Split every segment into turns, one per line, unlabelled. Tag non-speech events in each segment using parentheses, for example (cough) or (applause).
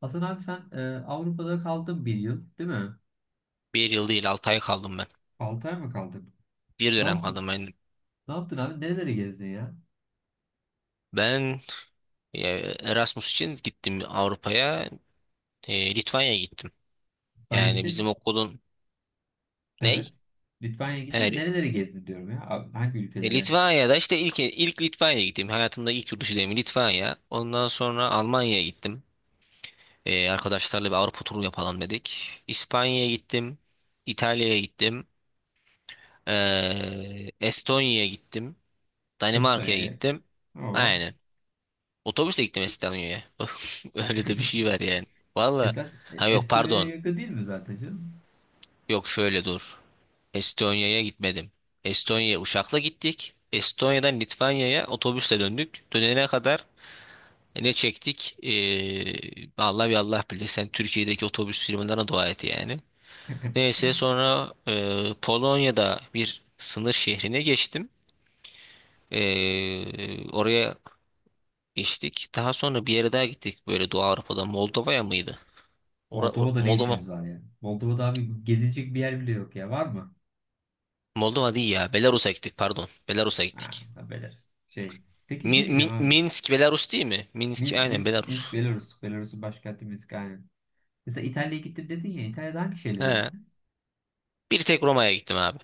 Hasan abi Avrupa'da kaldın bir yıl değil mi?
Bir yıl değil 6 ay kaldım ben.
6 ay mı kaldın?
Bir
Ne
dönem
yaptın?
kaldım ben.
Ne yaptın abi? Nerelere gezdin ya?
Ben e, Erasmus için gittim Avrupa'ya. Litvanya'ya gittim.
Litvanya'ya
Yani bizim
gittin.
okulun ney?
Evet. Litvanya'ya gittin de
Yani,
nerelere gezdin diyorum ya. Abi, hangi ülkelere?
Litvanya'da işte ilk Litvanya'ya gittim. Hayatımda ilk yurt dışı deneyimi Litvanya. Ondan sonra Almanya'ya gittim. Arkadaşlarla bir Avrupa turu yapalım dedik. İspanya'ya gittim. İtalya'ya gittim. Estonya'ya gittim. Danimarka'ya
Estonya'ya.
gittim.
Oo.
Aynen. Otobüsle gittim İstanbul'a. (laughs) Öyle de bir şey var
(laughs)
yani. Valla. Ha, yok,
Estonya'ya
pardon.
yakın değil mi zaten canım?
Yok, şöyle dur. Estonya'ya gitmedim. Estonya'ya uçakla gittik. Estonya'dan Litvanya'ya otobüsle döndük. Dönene kadar ne çektik? Allah bir Allah bilir. Sen Türkiye'deki otobüs firmalarına dua et yani.
(laughs)
Neyse sonra Polonya'da bir sınır şehrine geçtim. Oraya geçtik. Daha sonra bir yere daha gittik. Böyle Doğu Avrupa'da Moldova'ya mıydı?
Moldova'da ne
Moldova.
işiniz var ya? Moldova'da abi gezilecek bir yer bile yok ya. Var mı?
Moldova değil ya. Belarus'a gittik, pardon. Belarus'a
Ha,
gittik.
haberleriz. Şey. Peki şey diyeceğim abi.
Minsk Belarus değil mi? Minsk
Minsk,
aynen
Minsk, Minsk
Belarus.
Belarus. Belarus'un başkenti Minsk aynen. Mesela İtalya'ya gittim dedin ya. İtalya'da hangi şehirlere
He.
gittin?
Bir tek Roma'ya gittim abi.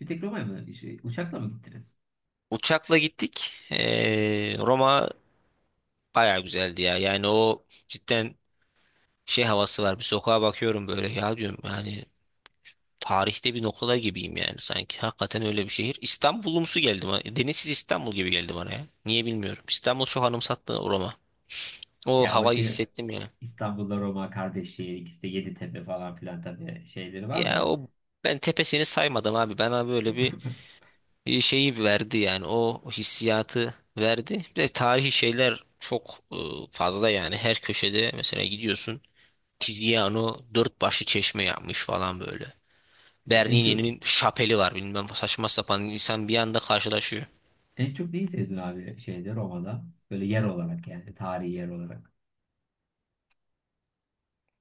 Bir tek Roma'ya mı? Şey, uçakla mı gittiniz?
Uçakla gittik. Roma bayağı güzeldi ya. Yani o cidden şey havası var. Bir sokağa bakıyorum böyle ya, diyorum yani tarihte bir noktada gibiyim yani sanki. Hakikaten öyle bir şehir. İstanbul'umsu geldi bana. Denizsiz İstanbul gibi geldi bana ya. Niye bilmiyorum. İstanbul çok anımsattı Roma. O
Ya o
havayı
şey,
hissettim ya.
İstanbul'da Roma kardeş şehir, ikisi de Yeditepe falan filan, tabii şeyleri var
Ya
da.
o, ben tepesini saymadım abi. Bana böyle bir
(laughs)
şeyi verdi yani. O hissiyatı verdi. Bir de tarihi şeyler çok fazla yani. Her köşede mesela gidiyorsun. Tiziano dört başlı çeşme yapmış falan böyle.
Mesela en çok
Bernini'nin şapeli var, bilmem, saçma sapan insan bir anda karşılaşıyor.
en çok neyi sevdin abi şeyde, Roma'da? Böyle yer olarak yani, tarihi yer olarak.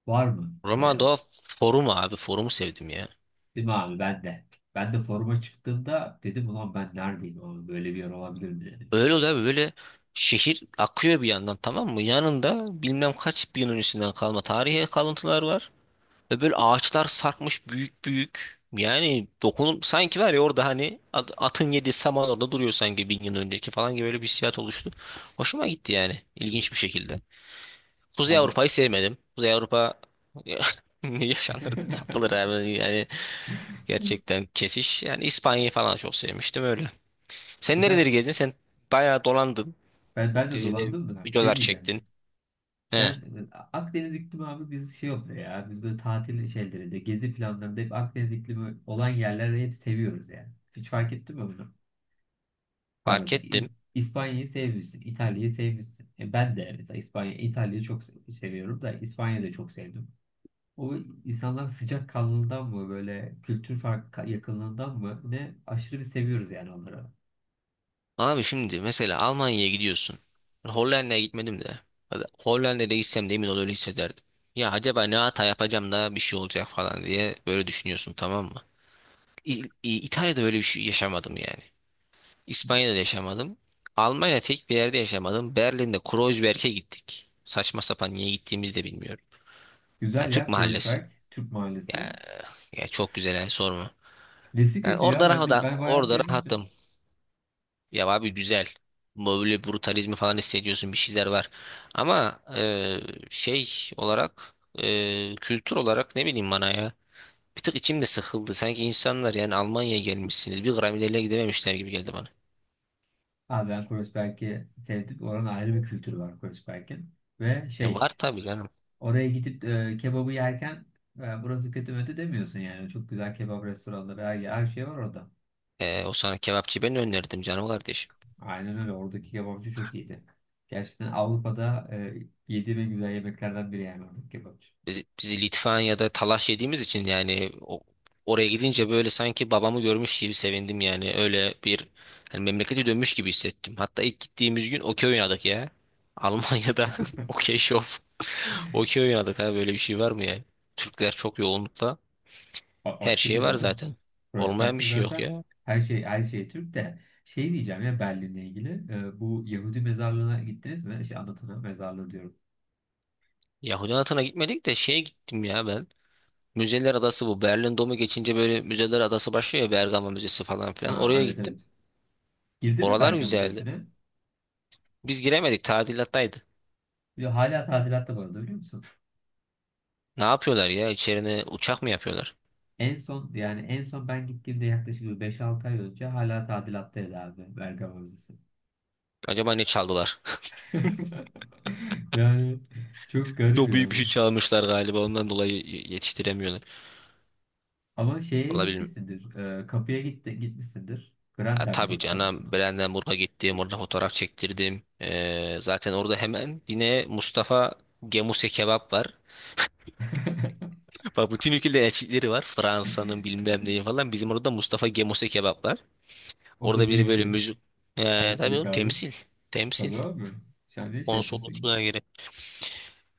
Var mı böyle?
Roma Doğa Forum abi, forumu sevdim ya.
Değil mi abi, ben de. Ben de foruma çıktığımda dedim ulan ben neredeyim abi, böyle bir yer olabilir mi dedim ya.
Öyle de böyle şehir akıyor bir yandan, tamam mı? Yanında bilmem kaç bin öncesinden kalma tarihi kalıntılar var. Ve böyle ağaçlar sarkmış büyük büyük. Yani dokunun sanki var ya orada, hani atın yediği samanada duruyor sanki bin yıl önceki falan gibi, böyle bir hissiyat oluştu. Hoşuma gitti yani, ilginç bir şekilde. Kuzey
Abi.
Avrupa'yı sevmedim. Kuzey Avrupa (laughs) ne yaşanır yapılır
(laughs)
abi yani, gerçekten kesiş. Yani İspanya'yı falan çok sevmiştim öyle.
E
Sen
zaten
nereleri gezdin? Sen bayağı dolandın.
ben de
Dizide
dolandım da
videolar
şey diyeceğim.
çektin.
Sen
He,
e, Akdeniz iklimi abi, biz şey oluyor ya. Biz böyle tatil şeylerinde, gezi planlarında hep Akdeniz iklimi olan yerleri hep seviyoruz yani. Hiç fark ettin mi bunu? Bak
fark
mesela
ettim.
İspanya'yı sevmişsin, İtalya'yı sevmişsin. E ben de mesela İspanya, İtalya'yı çok seviyorum da İspanya'yı da çok sevdim. O insanlar sıcak kanlılığından mı, böyle kültür fark yakınlığından mı ne, aşırı bir seviyoruz yani onları.
Abi şimdi mesela Almanya'ya gidiyorsun. Hollanda'ya gitmedim de. Hadi Hollanda'ya gitsem de emin ol öyle hissederdim. Ya acaba ne hata yapacağım da bir şey olacak falan diye böyle düşünüyorsun, tamam mı? İtalya'da böyle bir şey yaşamadım yani. İspanya'da da yaşamadım. Almanya'da tek bir yerde yaşamadım. Berlin'de Kreuzberg'e gittik. Saçma sapan niye gittiğimizi de bilmiyorum. Ya
Güzel
Türk
ya,
mahallesi.
Kreuzberg Türk Mahallesi.
Ya, ya çok güzel yani, sorma.
Nesi
Yani
kötü ya,
orada
bence
rahat,
ben bayağı
orada
sevmiştim.
rahattım. Ya abi, güzel. Böyle brutalizmi falan hissediyorsun, bir şeyler var. Ama şey olarak, kültür olarak, ne bileyim, bana ya. Bir tık içim de sıkıldı. Sanki insanlar yani Almanya'ya gelmişsiniz. Bir gram ileriye gidememişler gibi geldi bana.
Abi ben Kreuzberg'i sevdim. Oranın ayrı bir kültürü var Kreuzberg'in. Ve
Ya var
şey,
tabii canım.
oraya gidip kebabı yerken, burası kötü mötü demiyorsun yani. Çok güzel kebap restoranları, her şey var orada.
O sana kebapçı ben önerdim canım kardeşim.
Aynen öyle. Oradaki kebapçı çok iyiydi. Gerçekten Avrupa'da yediğim en güzel yemeklerden biri yani oradaki kebapçı.
Biz Litvanya'da talaş yediğimiz için yani oraya gidince böyle sanki babamı görmüş gibi sevindim yani. Öyle bir, hani memlekete dönmüş gibi hissettim. Hatta ilk gittiğimiz gün okey oynadık ya. Almanya'da (laughs) okey şov. Okey oynadık, ha böyle bir şey var mı ya? Türkler çok yoğunlukla. Her şey
Aşırı
var
canım.
zaten. Olmayan bir
Kreuzberg'de
şey yok
zaten
ya.
her şey, her şey Türk de şey diyeceğim ya Berlin'le ilgili. E, bu Yahudi mezarlığına gittiniz mi? Şey, anlatana mezarlığı diyorum.
Yahudi Anıtı'na gitmedik de şeye gittim ya ben. Müzeler Adası bu. Berlin Dom'u geçince böyle Müzeler Adası başlıyor ya, Bergama Müzesi falan filan.
Aa,
Oraya
evet
gittim.
evet. Girdi mi
Oralar
Bergama
güzeldi.
Müzesi'ne?
Biz giremedik, tadilattaydı.
Ve hala tadilatta bu arada, biliyor musun?
Ne yapıyorlar ya? İçerine uçak mı yapıyorlar?
En son yani en son ben gittiğimde yaklaşık bir 5-6 ay önce hala tadilattaydı abi Bergama Müzesi.
Acaba ne çaldılar?
(laughs) Yani çok
(laughs)
garip
Çok büyük bir şey
yani.
çalmışlar galiba, ondan dolayı yetiştiremiyorlar.
Ama şeye
Olabilir.
gitmişsindir. Kapıya gitmişsindir.
Ya, tabii
Brandenburg
canım,
kapısına.
Brandenburg'a gittim, orada fotoğraf çektirdim. Zaten orada hemen yine Mustafa Gemuse kebap var.
(laughs)
(laughs) Bak, bütün ülkede elçilikleri var. Fransa'nın bilmem neyi falan. Bizim orada Mustafa Gemuse kebap var.
O
Orada
da
biri
büyük
böyle
bir
müzik. Tabii
elçilik
oğlum,
abi.
temsil. Temsil.
Tabii abi. Sen de şey etmesin.
Konsolosluğa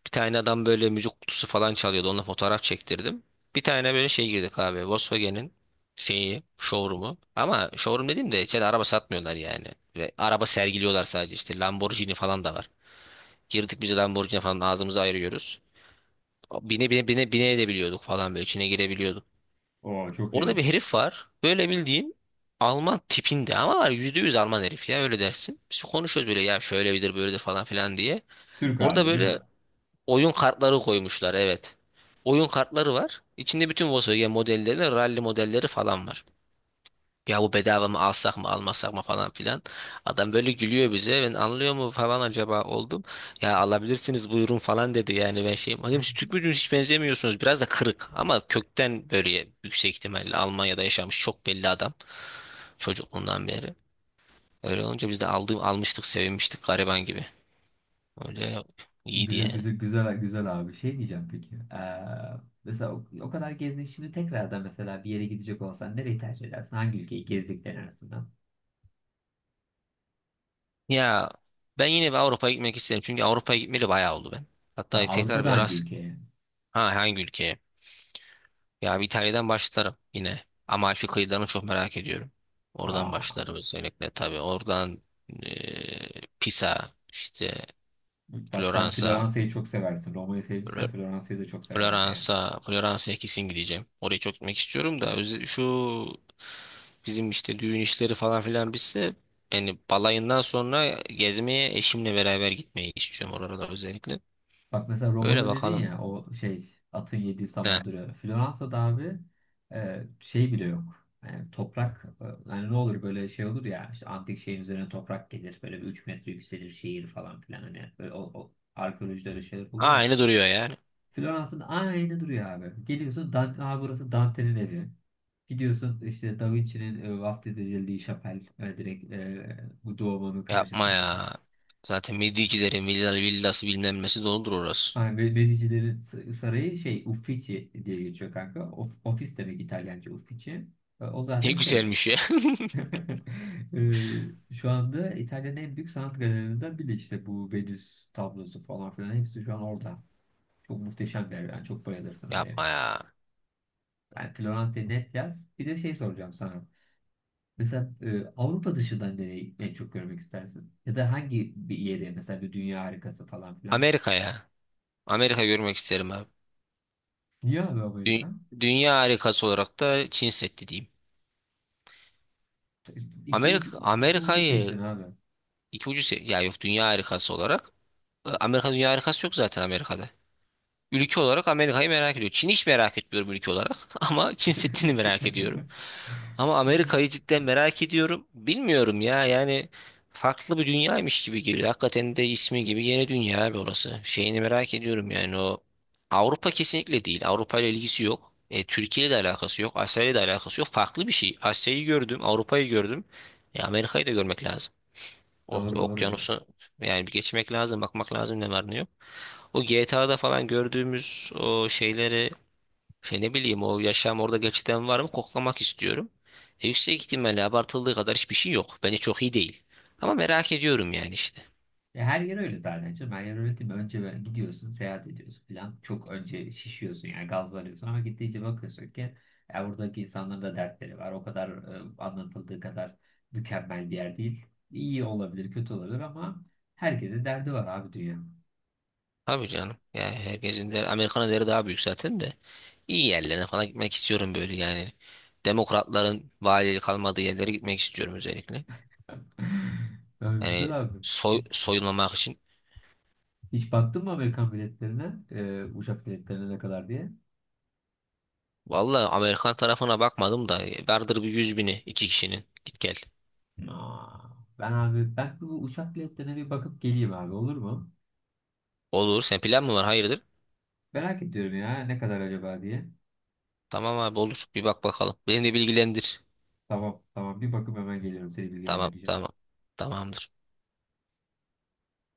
bir tane adam böyle müzik kutusu falan çalıyordu. Onunla fotoğraf çektirdim. Bir tane böyle şey girdik abi. Volkswagen'in şeyi, showroom'u. Ama showroom dediğim de içeride araba satmıyorlar yani. Ve araba sergiliyorlar sadece işte. Lamborghini falan da var. Girdik biz, Lamborghini falan ağzımızı ayırıyoruz. Bine bine bine bine edebiliyorduk falan, böyle içine girebiliyorduk.
Oo, çok
Orada
iyi.
bir herif var. Böyle bildiğin Alman tipinde ama var, yüzde yüz Alman herif ya, öyle dersin. Biz konuşuyoruz böyle ya, şöyle şöyledir böyledir falan filan diye.
Türk
Orada
abi değil
böyle
mi?
oyun kartları koymuşlar, evet. Oyun kartları var. İçinde bütün Volkswagen modelleri, rally modelleri falan var. Ya bu bedava mı, alsak mı almasak mı falan filan. Adam böyle gülüyor bize. Ben anlıyor mu falan acaba oldum. Ya alabilirsiniz, buyurun falan dedi. Yani ben şeyim. Bakayım siz Türk müydünüz, hiç benzemiyorsunuz. Biraz da kırık ama kökten, böyle yüksek ihtimalle Almanya'da yaşamış çok belli adam. Çocukluğundan beri. Öyle olunca biz de almıştık, sevinmiştik gariban gibi. Öyle iyiydi
Güzel
yani.
güzel güzel güzel abi. Şey diyeceğim peki. Mesela o kadar gezdin şimdi, tekrardan mesela bir yere gidecek olsan nereyi tercih edersin? Hangi ülkeyi, gezdiklerin arasından?
Ya ben yine bir Avrupa'ya gitmek isterim. Çünkü Avrupa'ya gitmeli bayağı oldu ben.
Tabii
Hatta tekrar bir
Avrupa'da hangi
Erasmus.
ülkeye?
Ha, hangi ülkeye? Ya bir İtalya'dan başlarım yine. Amalfi kıyılarını çok merak ediyorum. Oradan
Aa,
başlarım özellikle tabii. Oradan eee, Pisa, işte
bak sen
Floransa,
Floransa'yı çok seversin. Roma'yı
Fl-
sevmişsen Floransa'yı da çok seversin yani.
Floransa, Floransa'ya kesin gideceğim. Oraya çok gitmek istiyorum da şu bizim işte düğün işleri falan filan bitse, yani balayından sonra gezmeye eşimle beraber gitmeyi istiyorum oralara özellikle.
Bak mesela
Böyle
Roma'da dedin
bakalım.
ya, o şey, atın yediği
Ne?
saman duruyor. Floransa'da abi şey bile yok. Yani toprak, yani ne olur böyle şey olur ya, işte antik şeyin üzerine toprak gelir, böyle bir 3 metre yükselir şehir falan filan, hani böyle o arkeolojide öyle şeyler oluyor ya.
Aynı duruyor yani.
Floransa'da aynı duruyor abi. Geliyorsun Dante, "Aa, burası Dante'nin evi." Gidiyorsun işte Da Vinci'nin vaftiz edildiği şapel, direkt, bu Duomo'nun
Yapma
karşısında.
ya. Zaten Midyecilerin villası bilmem nesi doludur orası.
Aynen Bezicilerin sarayı şey, Uffizi diye geçiyor kanka. Ofis demek İtalyanca Uffizi. E, o
(laughs) Ne
zaten şey.
güzelmiş ya.
(laughs) E, şu anda İtalya'nın en büyük sanat galerilerinden biri işte, bu Venüs tablosu falan filan hepsi şu an orada. Çok muhteşem bir yer. Yani çok bayılırsın
(laughs)
oraya.
Yapma ya.
Yani Floransa'yı net yaz. Bir de şey soracağım sana. Mesela Avrupa dışından nereyi en çok görmek istersin? Ya da hangi bir yeri, mesela bir dünya harikası falan filan?
Amerika ya. Amerika görmek isterim abi.
Niye abi Amerika?
Dü- Dünya harikası olarak da Çin Seddi diyeyim.
İki ucu, iki ucu
Amerika'yı
seçtin abi.
iki ucu ya, yok, dünya harikası olarak, Amerika, dünya harikası yok zaten Amerika'da. Ülke olarak Amerika'yı merak ediyor. Çin hiç merak etmiyorum ülke olarak (laughs) ama Çin Seddi'ni merak
(laughs)
ediyorum. Ama Amerika'yı cidden merak ediyorum. Bilmiyorum ya yani, farklı bir dünyaymış gibi geliyor. Hakikaten de ismi gibi yeni dünya abi orası. Şeyini merak ediyorum yani, o Avrupa kesinlikle değil. Avrupa ile ilgisi yok. Türkiye ile de alakası yok. Asya ile de alakası yok. Farklı bir şey. Asya'yı gördüm, Avrupa'yı gördüm. Amerika'yı da görmek lazım. O,
Doğru doğru ya.
okyanusu yani bir geçmek lazım, bakmak lazım ne var ne yok. O GTA'da falan gördüğümüz o şeyleri, şey, ne bileyim, o yaşam orada gerçekten var mı, koklamak istiyorum. Yüksek ihtimalle abartıldığı kadar hiçbir şey yok. Bence çok iyi değil. Ama merak ediyorum yani işte.
Ya her yer öyle zaten canım. Her yer öyle değil mi? Önce böyle gidiyorsun, seyahat ediyorsun falan. Çok önce şişiyorsun yani, gazlanıyorsun ama gittiğince bakıyorsun ki ya, buradaki insanların da dertleri var. O kadar anlatıldığı kadar mükemmel bir yer değil. İyi olabilir, kötü olabilir ama herkesin derdi var abi, dünya.
Tabii canım. Yani herkesin de Amerikan'ın değeri daha büyük zaten de. İyi yerlerine falan gitmek istiyorum böyle yani. Demokratların valilik kalmadığı yerlere gitmek istiyorum özellikle.
(laughs) Ya
Yani
güzel abi. Hiç,
soyulmamak için.
Hiç baktın mı Amerikan biletlerine? E, uçak biletlerine ne kadar diye?
Vallahi Amerikan tarafına bakmadım da vardır bir yüz bini iki kişinin. Git gel.
Aa, abi ben bu uçak biletlerine bir bakıp geleyim abi, olur mu?
Olur. Sen plan mı var? Hayırdır?
Merak ediyorum ya, ne kadar acaba diye.
Tamam abi, olur. Bir bak bakalım. Beni de bilgilendir.
Tamam, tamam, bir bakıp hemen geliyorum, seni
Tamam
bilgilendireceğim.
tamam. Tamamdır.